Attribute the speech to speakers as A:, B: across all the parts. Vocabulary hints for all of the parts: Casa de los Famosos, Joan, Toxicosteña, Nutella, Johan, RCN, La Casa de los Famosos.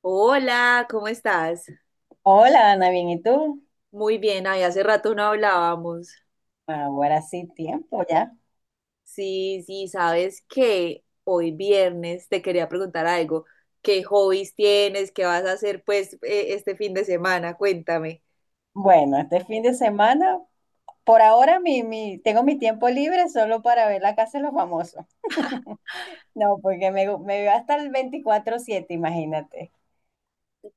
A: Hola, ¿cómo estás?
B: Hola, Ana, bien, ¿y tú?
A: Muy bien, ay, hace rato no hablábamos.
B: Ahora sí, tiempo ya.
A: Sí, sí, sabes que hoy viernes te quería preguntar algo. ¿Qué hobbies tienes? ¿Qué vas a hacer pues este fin de semana? Cuéntame.
B: Bueno, este fin de semana, por ahora mi, tengo mi tiempo libre solo para ver la casa de los famosos. No, porque me veo hasta el veinticuatro siete, imagínate.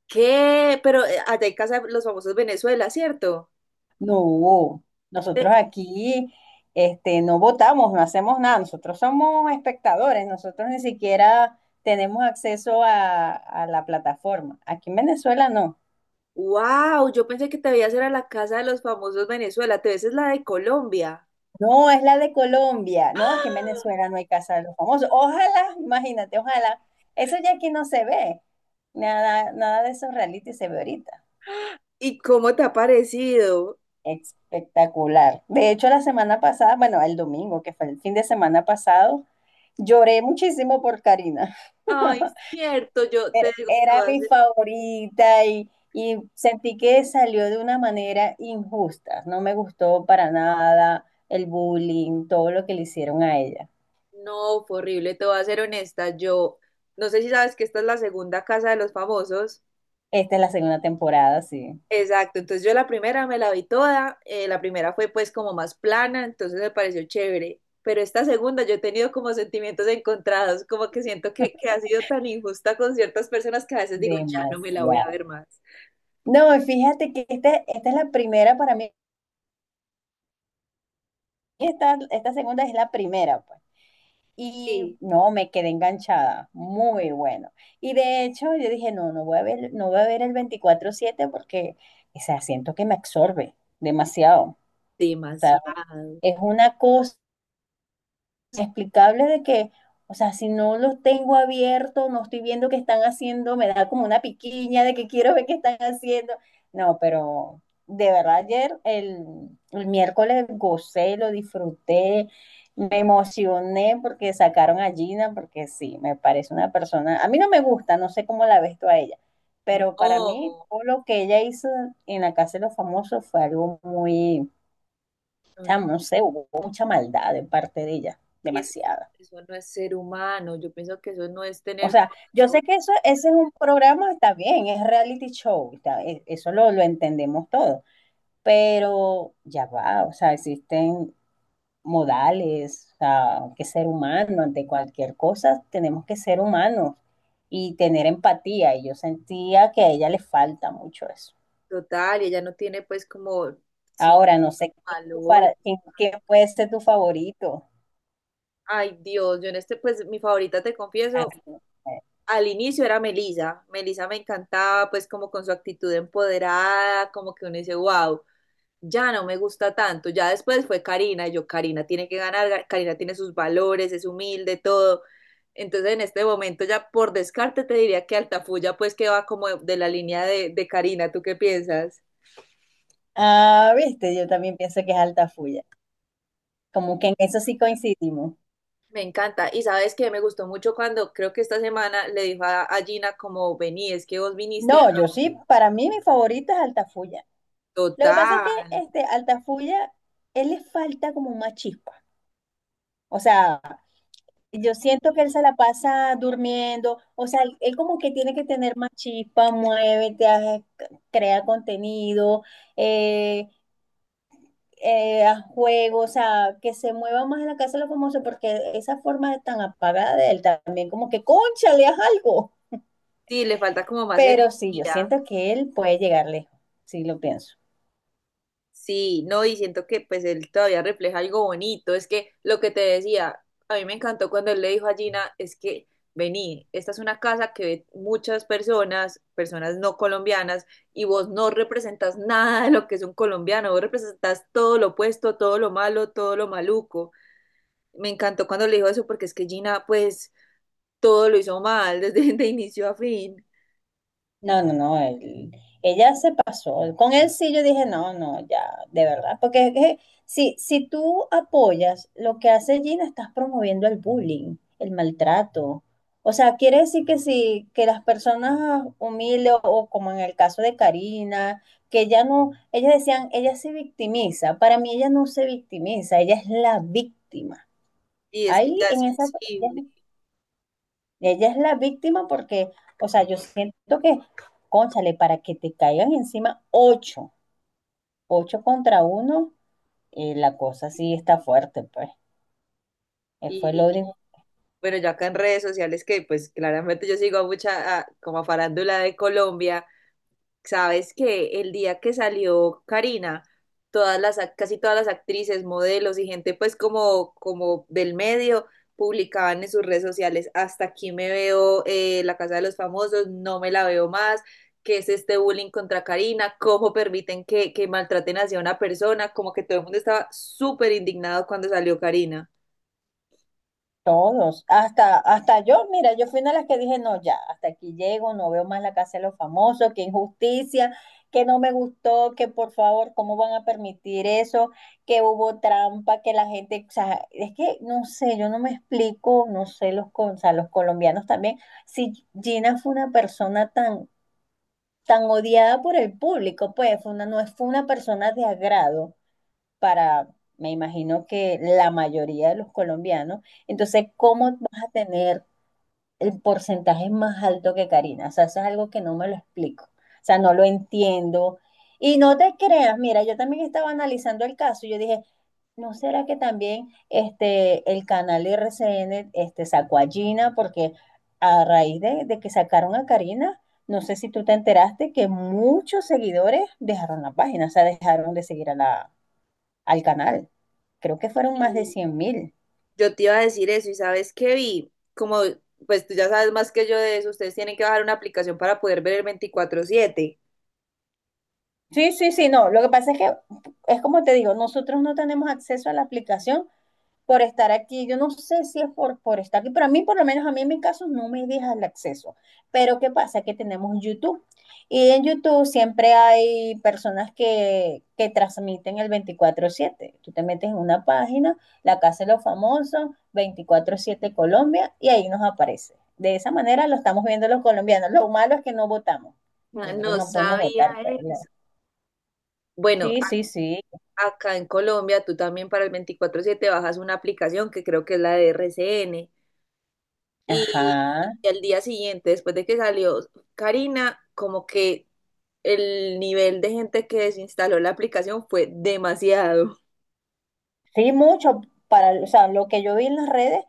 A: ¿Qué? Pero allá en casa de los famosos Venezuela, ¿cierto?
B: No, nosotros aquí este, no votamos, no hacemos nada, nosotros somos espectadores, nosotros ni siquiera tenemos acceso a la plataforma. Aquí en Venezuela no.
A: Wow, yo pensé que te veías era la casa de los famosos Venezuela, te ves es la de Colombia.
B: No, es la de Colombia. No, es que en Venezuela no hay casa de los famosos. Ojalá, imagínate, ojalá. Eso ya aquí no se ve. Nada, nada de esos reality se ve ahorita.
A: ¿Y cómo te ha parecido?
B: Espectacular. De hecho, la semana pasada, bueno, el domingo, que fue el fin de semana pasado, lloré muchísimo por Karina.
A: Ay, cierto, yo te
B: Era,
A: digo.
B: era mi favorita y sentí que salió de una manera injusta. No me gustó para nada el bullying, todo lo que le hicieron a ella.
A: No, fue horrible, te voy a ser honesta, yo no sé si sabes que esta es la segunda casa de los famosos.
B: Esta es la segunda temporada, sí.
A: Exacto, entonces yo la primera me la vi toda, la primera fue pues como más plana, entonces me pareció chévere, pero esta segunda yo he tenido como sentimientos encontrados, como que siento que ha sido tan injusta con ciertas personas que a veces digo, ya no me la voy a
B: Demasiado.
A: ver más.
B: No, fíjate que esta es la primera para mí. Esta segunda es la primera, pues. Y
A: Sí,
B: no, me quedé enganchada. Muy bueno. Y de hecho, yo dije, no, no voy a ver el veinticuatro siete, porque, o sea, siento que me absorbe demasiado. O sea,
A: demasiado.
B: es una cosa inexplicable de que, o sea, si no los tengo abiertos, no estoy viendo qué están haciendo, me da como una piquiña de que quiero ver qué están haciendo. No, pero de verdad ayer, el miércoles, gocé, lo disfruté, me emocioné porque sacaron a Gina, porque sí, me parece una persona, a mí no me gusta, no sé cómo la ves tú a ella, pero para mí
A: No,
B: todo lo que ella hizo en la Casa de los Famosos fue algo muy, o
A: no,
B: sea,
A: no,
B: no sé, hubo mucha maldad de parte de ella,
A: y
B: demasiada.
A: eso no es ser humano, yo pienso que eso no es
B: O
A: tener
B: sea, yo
A: corazón.
B: sé que eso, ese es un programa, está bien, es reality show, eso lo entendemos todo, pero ya va, o sea, existen modales, o sea, hay que ser humano, ante cualquier cosa tenemos que ser humanos y tener empatía, y yo sentía que a ella le falta mucho eso.
A: Total, y ella no tiene pues como, sí,
B: Ahora, no sé quién es tu
A: valor.
B: qué puede ser tu favorito.
A: Ay, Dios, yo en este, pues mi favorita, te confieso,
B: Así, eh.
A: al inicio era Melisa. Melisa me encantaba pues como con su actitud empoderada, como que uno dice, wow, ya no me gusta tanto. Ya después fue Karina, y yo, Karina tiene que ganar, Karina tiene sus valores, es humilde, todo. Entonces en este momento ya por descarte te diría que Altafulla pues que va como de la línea de Karina, ¿tú qué piensas?
B: Ah, viste, yo también pienso que es Altafulla, como que en eso sí coincidimos.
A: Me encanta. Y sabes que me gustó mucho cuando creo que esta semana le dijo a Gina como vení, es que vos viniste a
B: No, yo sí, para mí mi favorita es Altafulla. Lo que pasa es que
A: total.
B: este Altafulla, él le falta como más chispa. O sea, yo siento que él se la pasa durmiendo. O sea, él como que tiene que tener más chispa, muévete, crea contenido, eh, haz juegos, o sea, que se mueva más en la casa de los famosos, porque esa forma tan apagada de él también, como que, concha, le haz algo.
A: Sí, le falta como más
B: Pero sí, yo
A: energía.
B: siento que él puede llegar lejos, sí lo pienso.
A: Sí, no, y siento que pues él todavía refleja algo bonito. Es que lo que te decía, a mí me encantó cuando él le dijo a Gina, es que vení, esta es una casa que ve muchas personas, personas no colombianas, y vos no representas nada de lo que es un colombiano, vos representas todo lo opuesto, todo lo malo, todo lo maluco. Me encantó cuando le dijo eso porque es que Gina pues todo lo hizo mal desde de inicio a fin
B: No, no, no, él- ella se pasó. Con él sí yo dije, no, no, ya, de verdad. Porque es que si tú apoyas lo que hace Gina, estás promoviendo el bullying, el maltrato. O sea, quiere decir que si que las personas humildes o como en el caso de Karina, que ya no, ellas decían, ella se victimiza. Para mí ella no se victimiza, ella es la víctima.
A: y es que
B: Ahí
A: ya es
B: en esa,
A: sensible.
B: es ella es la víctima porque, o sea, yo siento que, cónchale, para que te caigan encima ocho, ocho contra uno, la cosa sí está fuerte, pues. Fue
A: Y,
B: lo
A: y,
B: único.
A: bueno, ya acá en redes sociales que pues claramente yo sigo a mucha como a farándula de Colombia. Sabes que el día que salió Karina, todas casi todas las actrices, modelos y gente pues como del medio publicaban en sus redes sociales, hasta aquí me veo La Casa de los Famosos, no me la veo más, qué es este bullying contra Karina, cómo permiten que maltraten así a una persona, como que todo el mundo estaba súper indignado cuando salió Karina.
B: Todos, hasta yo, mira, yo fui una de las que dije, no, ya, hasta aquí llego, no veo más la casa de los famosos, qué injusticia, que no me gustó, que por favor, ¿cómo van a permitir eso? Que hubo trampa, que la gente, o sea, es que no sé, yo no me explico, no sé, los, con- o sea, los colombianos también, si Gina fue una persona tan, tan odiada por el público, pues fue una, no fue una persona de agrado para, me imagino que la mayoría de los colombianos. Entonces, ¿cómo vas a tener el porcentaje más alto que Karina? O sea, eso es algo que no me lo explico. O sea, no lo entiendo. Y no te creas, mira, yo también estaba analizando el caso y yo dije, ¿no será que también este, el canal RCN este, sacó a Gina? Porque a raíz de que sacaron a Karina, no sé si tú te enteraste que muchos seguidores dejaron la página, o sea, dejaron de seguir a al canal. Creo que fueron más de 100 mil.
A: Yo te iba a decir eso y sabes qué vi, como pues tú ya sabes más que yo de eso, ustedes tienen que bajar una aplicación para poder ver el 24/7.
B: Sí, sí, sí, no. Lo que pasa es que es como te digo, nosotros no tenemos acceso a la aplicación por estar aquí. Yo no sé si es por estar aquí, pero a mí, por lo menos a mí en mi caso, no me deja el acceso. Pero ¿qué pasa? Que tenemos YouTube. Y en YouTube siempre hay personas que transmiten el veinticuatro siete. Tú te metes en una página, La Casa de los Famosos, veinticuatro siete Colombia, y ahí nos aparece. De esa manera lo estamos viendo los colombianos. Lo malo es que no votamos.
A: Ah,
B: Nosotros
A: no
B: no podemos votar,
A: sabía
B: pues, no.
A: eso. Bueno,
B: Sí, sí, sí.
A: acá en Colombia tú también para el veinticuatro siete bajas una aplicación que creo que es la de RCN y,
B: Ajá.
A: y al día siguiente, después de que salió Karina, como que el nivel de gente que desinstaló la aplicación fue demasiado.
B: Sí, mucho. Para, o sea, lo que yo vi en las redes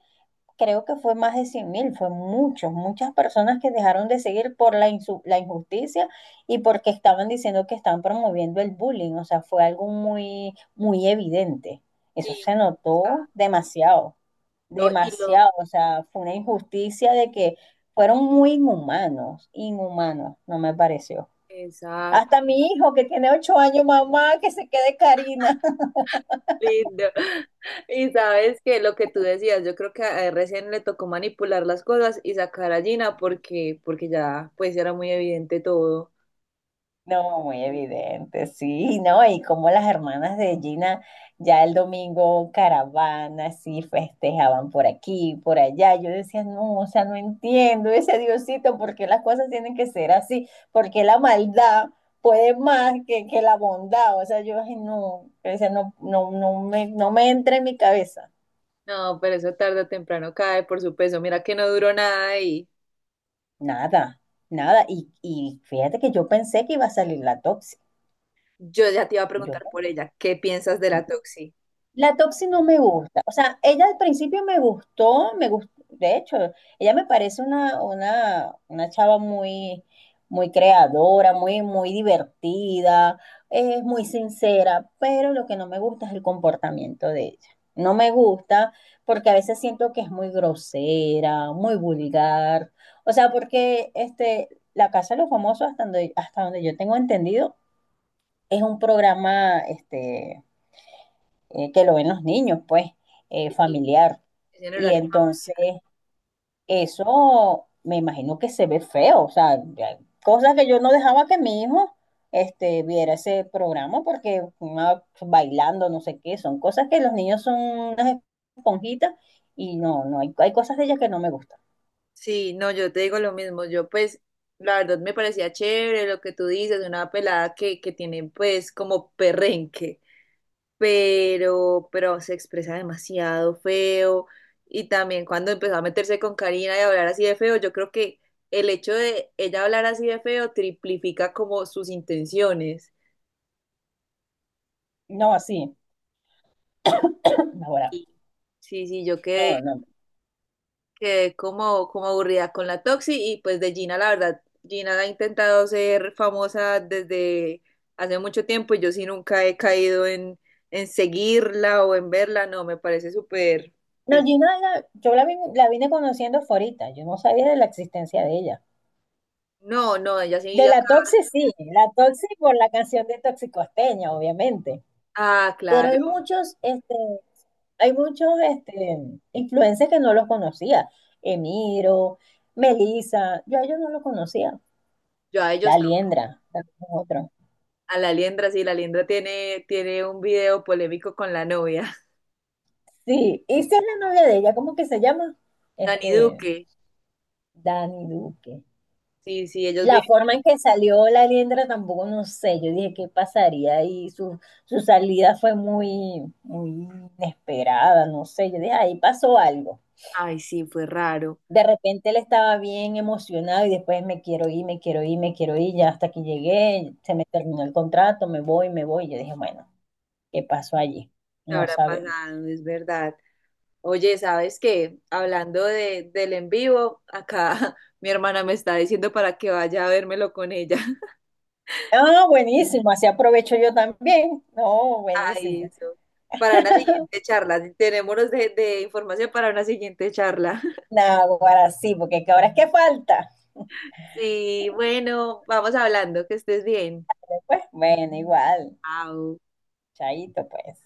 B: creo que fue más de 100 mil, fue muchos, muchas personas que dejaron de seguir por la, insu- la injusticia y porque estaban diciendo que estaban promoviendo el bullying, o sea, fue algo muy, muy evidente. Eso
A: Sí,
B: se
A: muy
B: notó
A: pesado.
B: demasiado,
A: No, y lo,
B: demasiado, o sea, fue una injusticia de que fueron muy inhumanos, inhumanos, no me pareció.
A: exacto,
B: Hasta mi hijo que tiene ocho años, mamá, que se quede Karina.
A: lindo. Y sabes que lo que tú decías, yo creo que a él recién le tocó manipular las cosas y sacar a Gina porque ya pues era muy evidente todo.
B: No, muy evidente, sí, ¿no? Y como las hermanas de Gina ya el domingo caravana, sí, festejaban por aquí, por allá. Yo decía, no, o sea, no entiendo ese Diosito, ¿por qué las cosas tienen que ser así? ¿Por qué la maldad puede más que la bondad? O sea, yo, ay, no, yo decía, no, no, no me, no me entra en mi cabeza.
A: No, pero eso tarde o temprano cae por su peso. Mira que no duró nada y
B: Nada, nada. Y fíjate que yo pensé que iba a salir la tóxica.
A: yo ya te iba a
B: Yo
A: preguntar por ella, ¿qué piensas de la Toxi?
B: la Toxi no me gusta. O sea, ella al principio me gustó, de hecho, ella me parece una chava muy, muy creadora, muy, muy divertida, es muy sincera, pero lo que no me gusta es el comportamiento de ella. No me gusta porque a veces siento que es muy grosera, muy vulgar. O sea, porque este, La Casa de los Famosos, hasta donde yo tengo entendido, es un programa, este, que lo ven los niños, pues,
A: Sí,
B: familiar.
A: es en
B: Y
A: horario familiar.
B: entonces eso me imagino que se ve feo, o sea, ya- cosa que yo no dejaba que mi hijo este, viera ese programa porque una- bailando, no sé qué, son cosas que los niños son unas esponjitas y no, no, hay cosas de ellas que no me gustan.
A: Sí, no, yo te digo lo mismo. Yo pues, la verdad me parecía chévere lo que tú dices, una pelada que tiene pues como perrenque. Pero se expresa demasiado feo. Y también cuando empezó a meterse con Karina y a hablar así de feo, yo creo que el hecho de ella hablar así de feo triplifica como sus intenciones.
B: No, así, ahora,
A: Y sí, sí, yo quedé,
B: no, no.
A: quedé como, como aburrida con la Toxi y pues de Gina, la verdad, Gina ha intentado ser famosa desde hace mucho tiempo y yo sí nunca he caído en seguirla o en verla, no, me parece súper,
B: No,
A: pues
B: Gina, era- yo la vine conociendo fue ahorita, yo no sabía de la existencia de ella.
A: no, no, ella sí.
B: De la Toxi sí, la Toxi por la canción de Toxicosteña, obviamente.
A: Ah,
B: Pero
A: claro.
B: hay muchos, este, influencers que no los conocía. Emiro, Melissa, yo a ellos no los conocía.
A: Yo a ellos
B: La
A: no.
B: Liendra, también es otro.
A: A la Liendra, sí, la Liendra tiene, tiene un video polémico con la novia.
B: Sí, y esa es la novia de ella, ¿cómo que se llama?
A: Dani
B: Este,
A: Duque.
B: Dani Duque.
A: Sí, sí, ellos viven.
B: La forma en que salió la Liendra tampoco, no sé, yo dije qué pasaría y su salida fue muy, muy inesperada, no sé, yo dije ahí pasó algo.
A: Ay, sí, fue raro.
B: De repente él estaba bien emocionado y después me quiero ir, me quiero ir, me quiero ir, ya hasta que llegué, se me terminó el contrato, me voy, yo dije, bueno, ¿qué pasó allí?
A: ¿Qué
B: No
A: habrá
B: sabemos.
A: pasado? Es verdad. Oye, ¿sabes qué? Hablando del en vivo, acá mi hermana me está diciendo para que vaya a vérmelo con ella.
B: Ah, buenísimo, así aprovecho yo también. No,
A: Ay,
B: buenísimo.
A: eso. Para una siguiente charla. Tenemos de información para una siguiente charla.
B: No, ahora sí, porque ahora es que falta.
A: Sí, bueno, vamos hablando. Que estés bien.
B: Pues bueno, igual,
A: Chao.
B: chaito pues.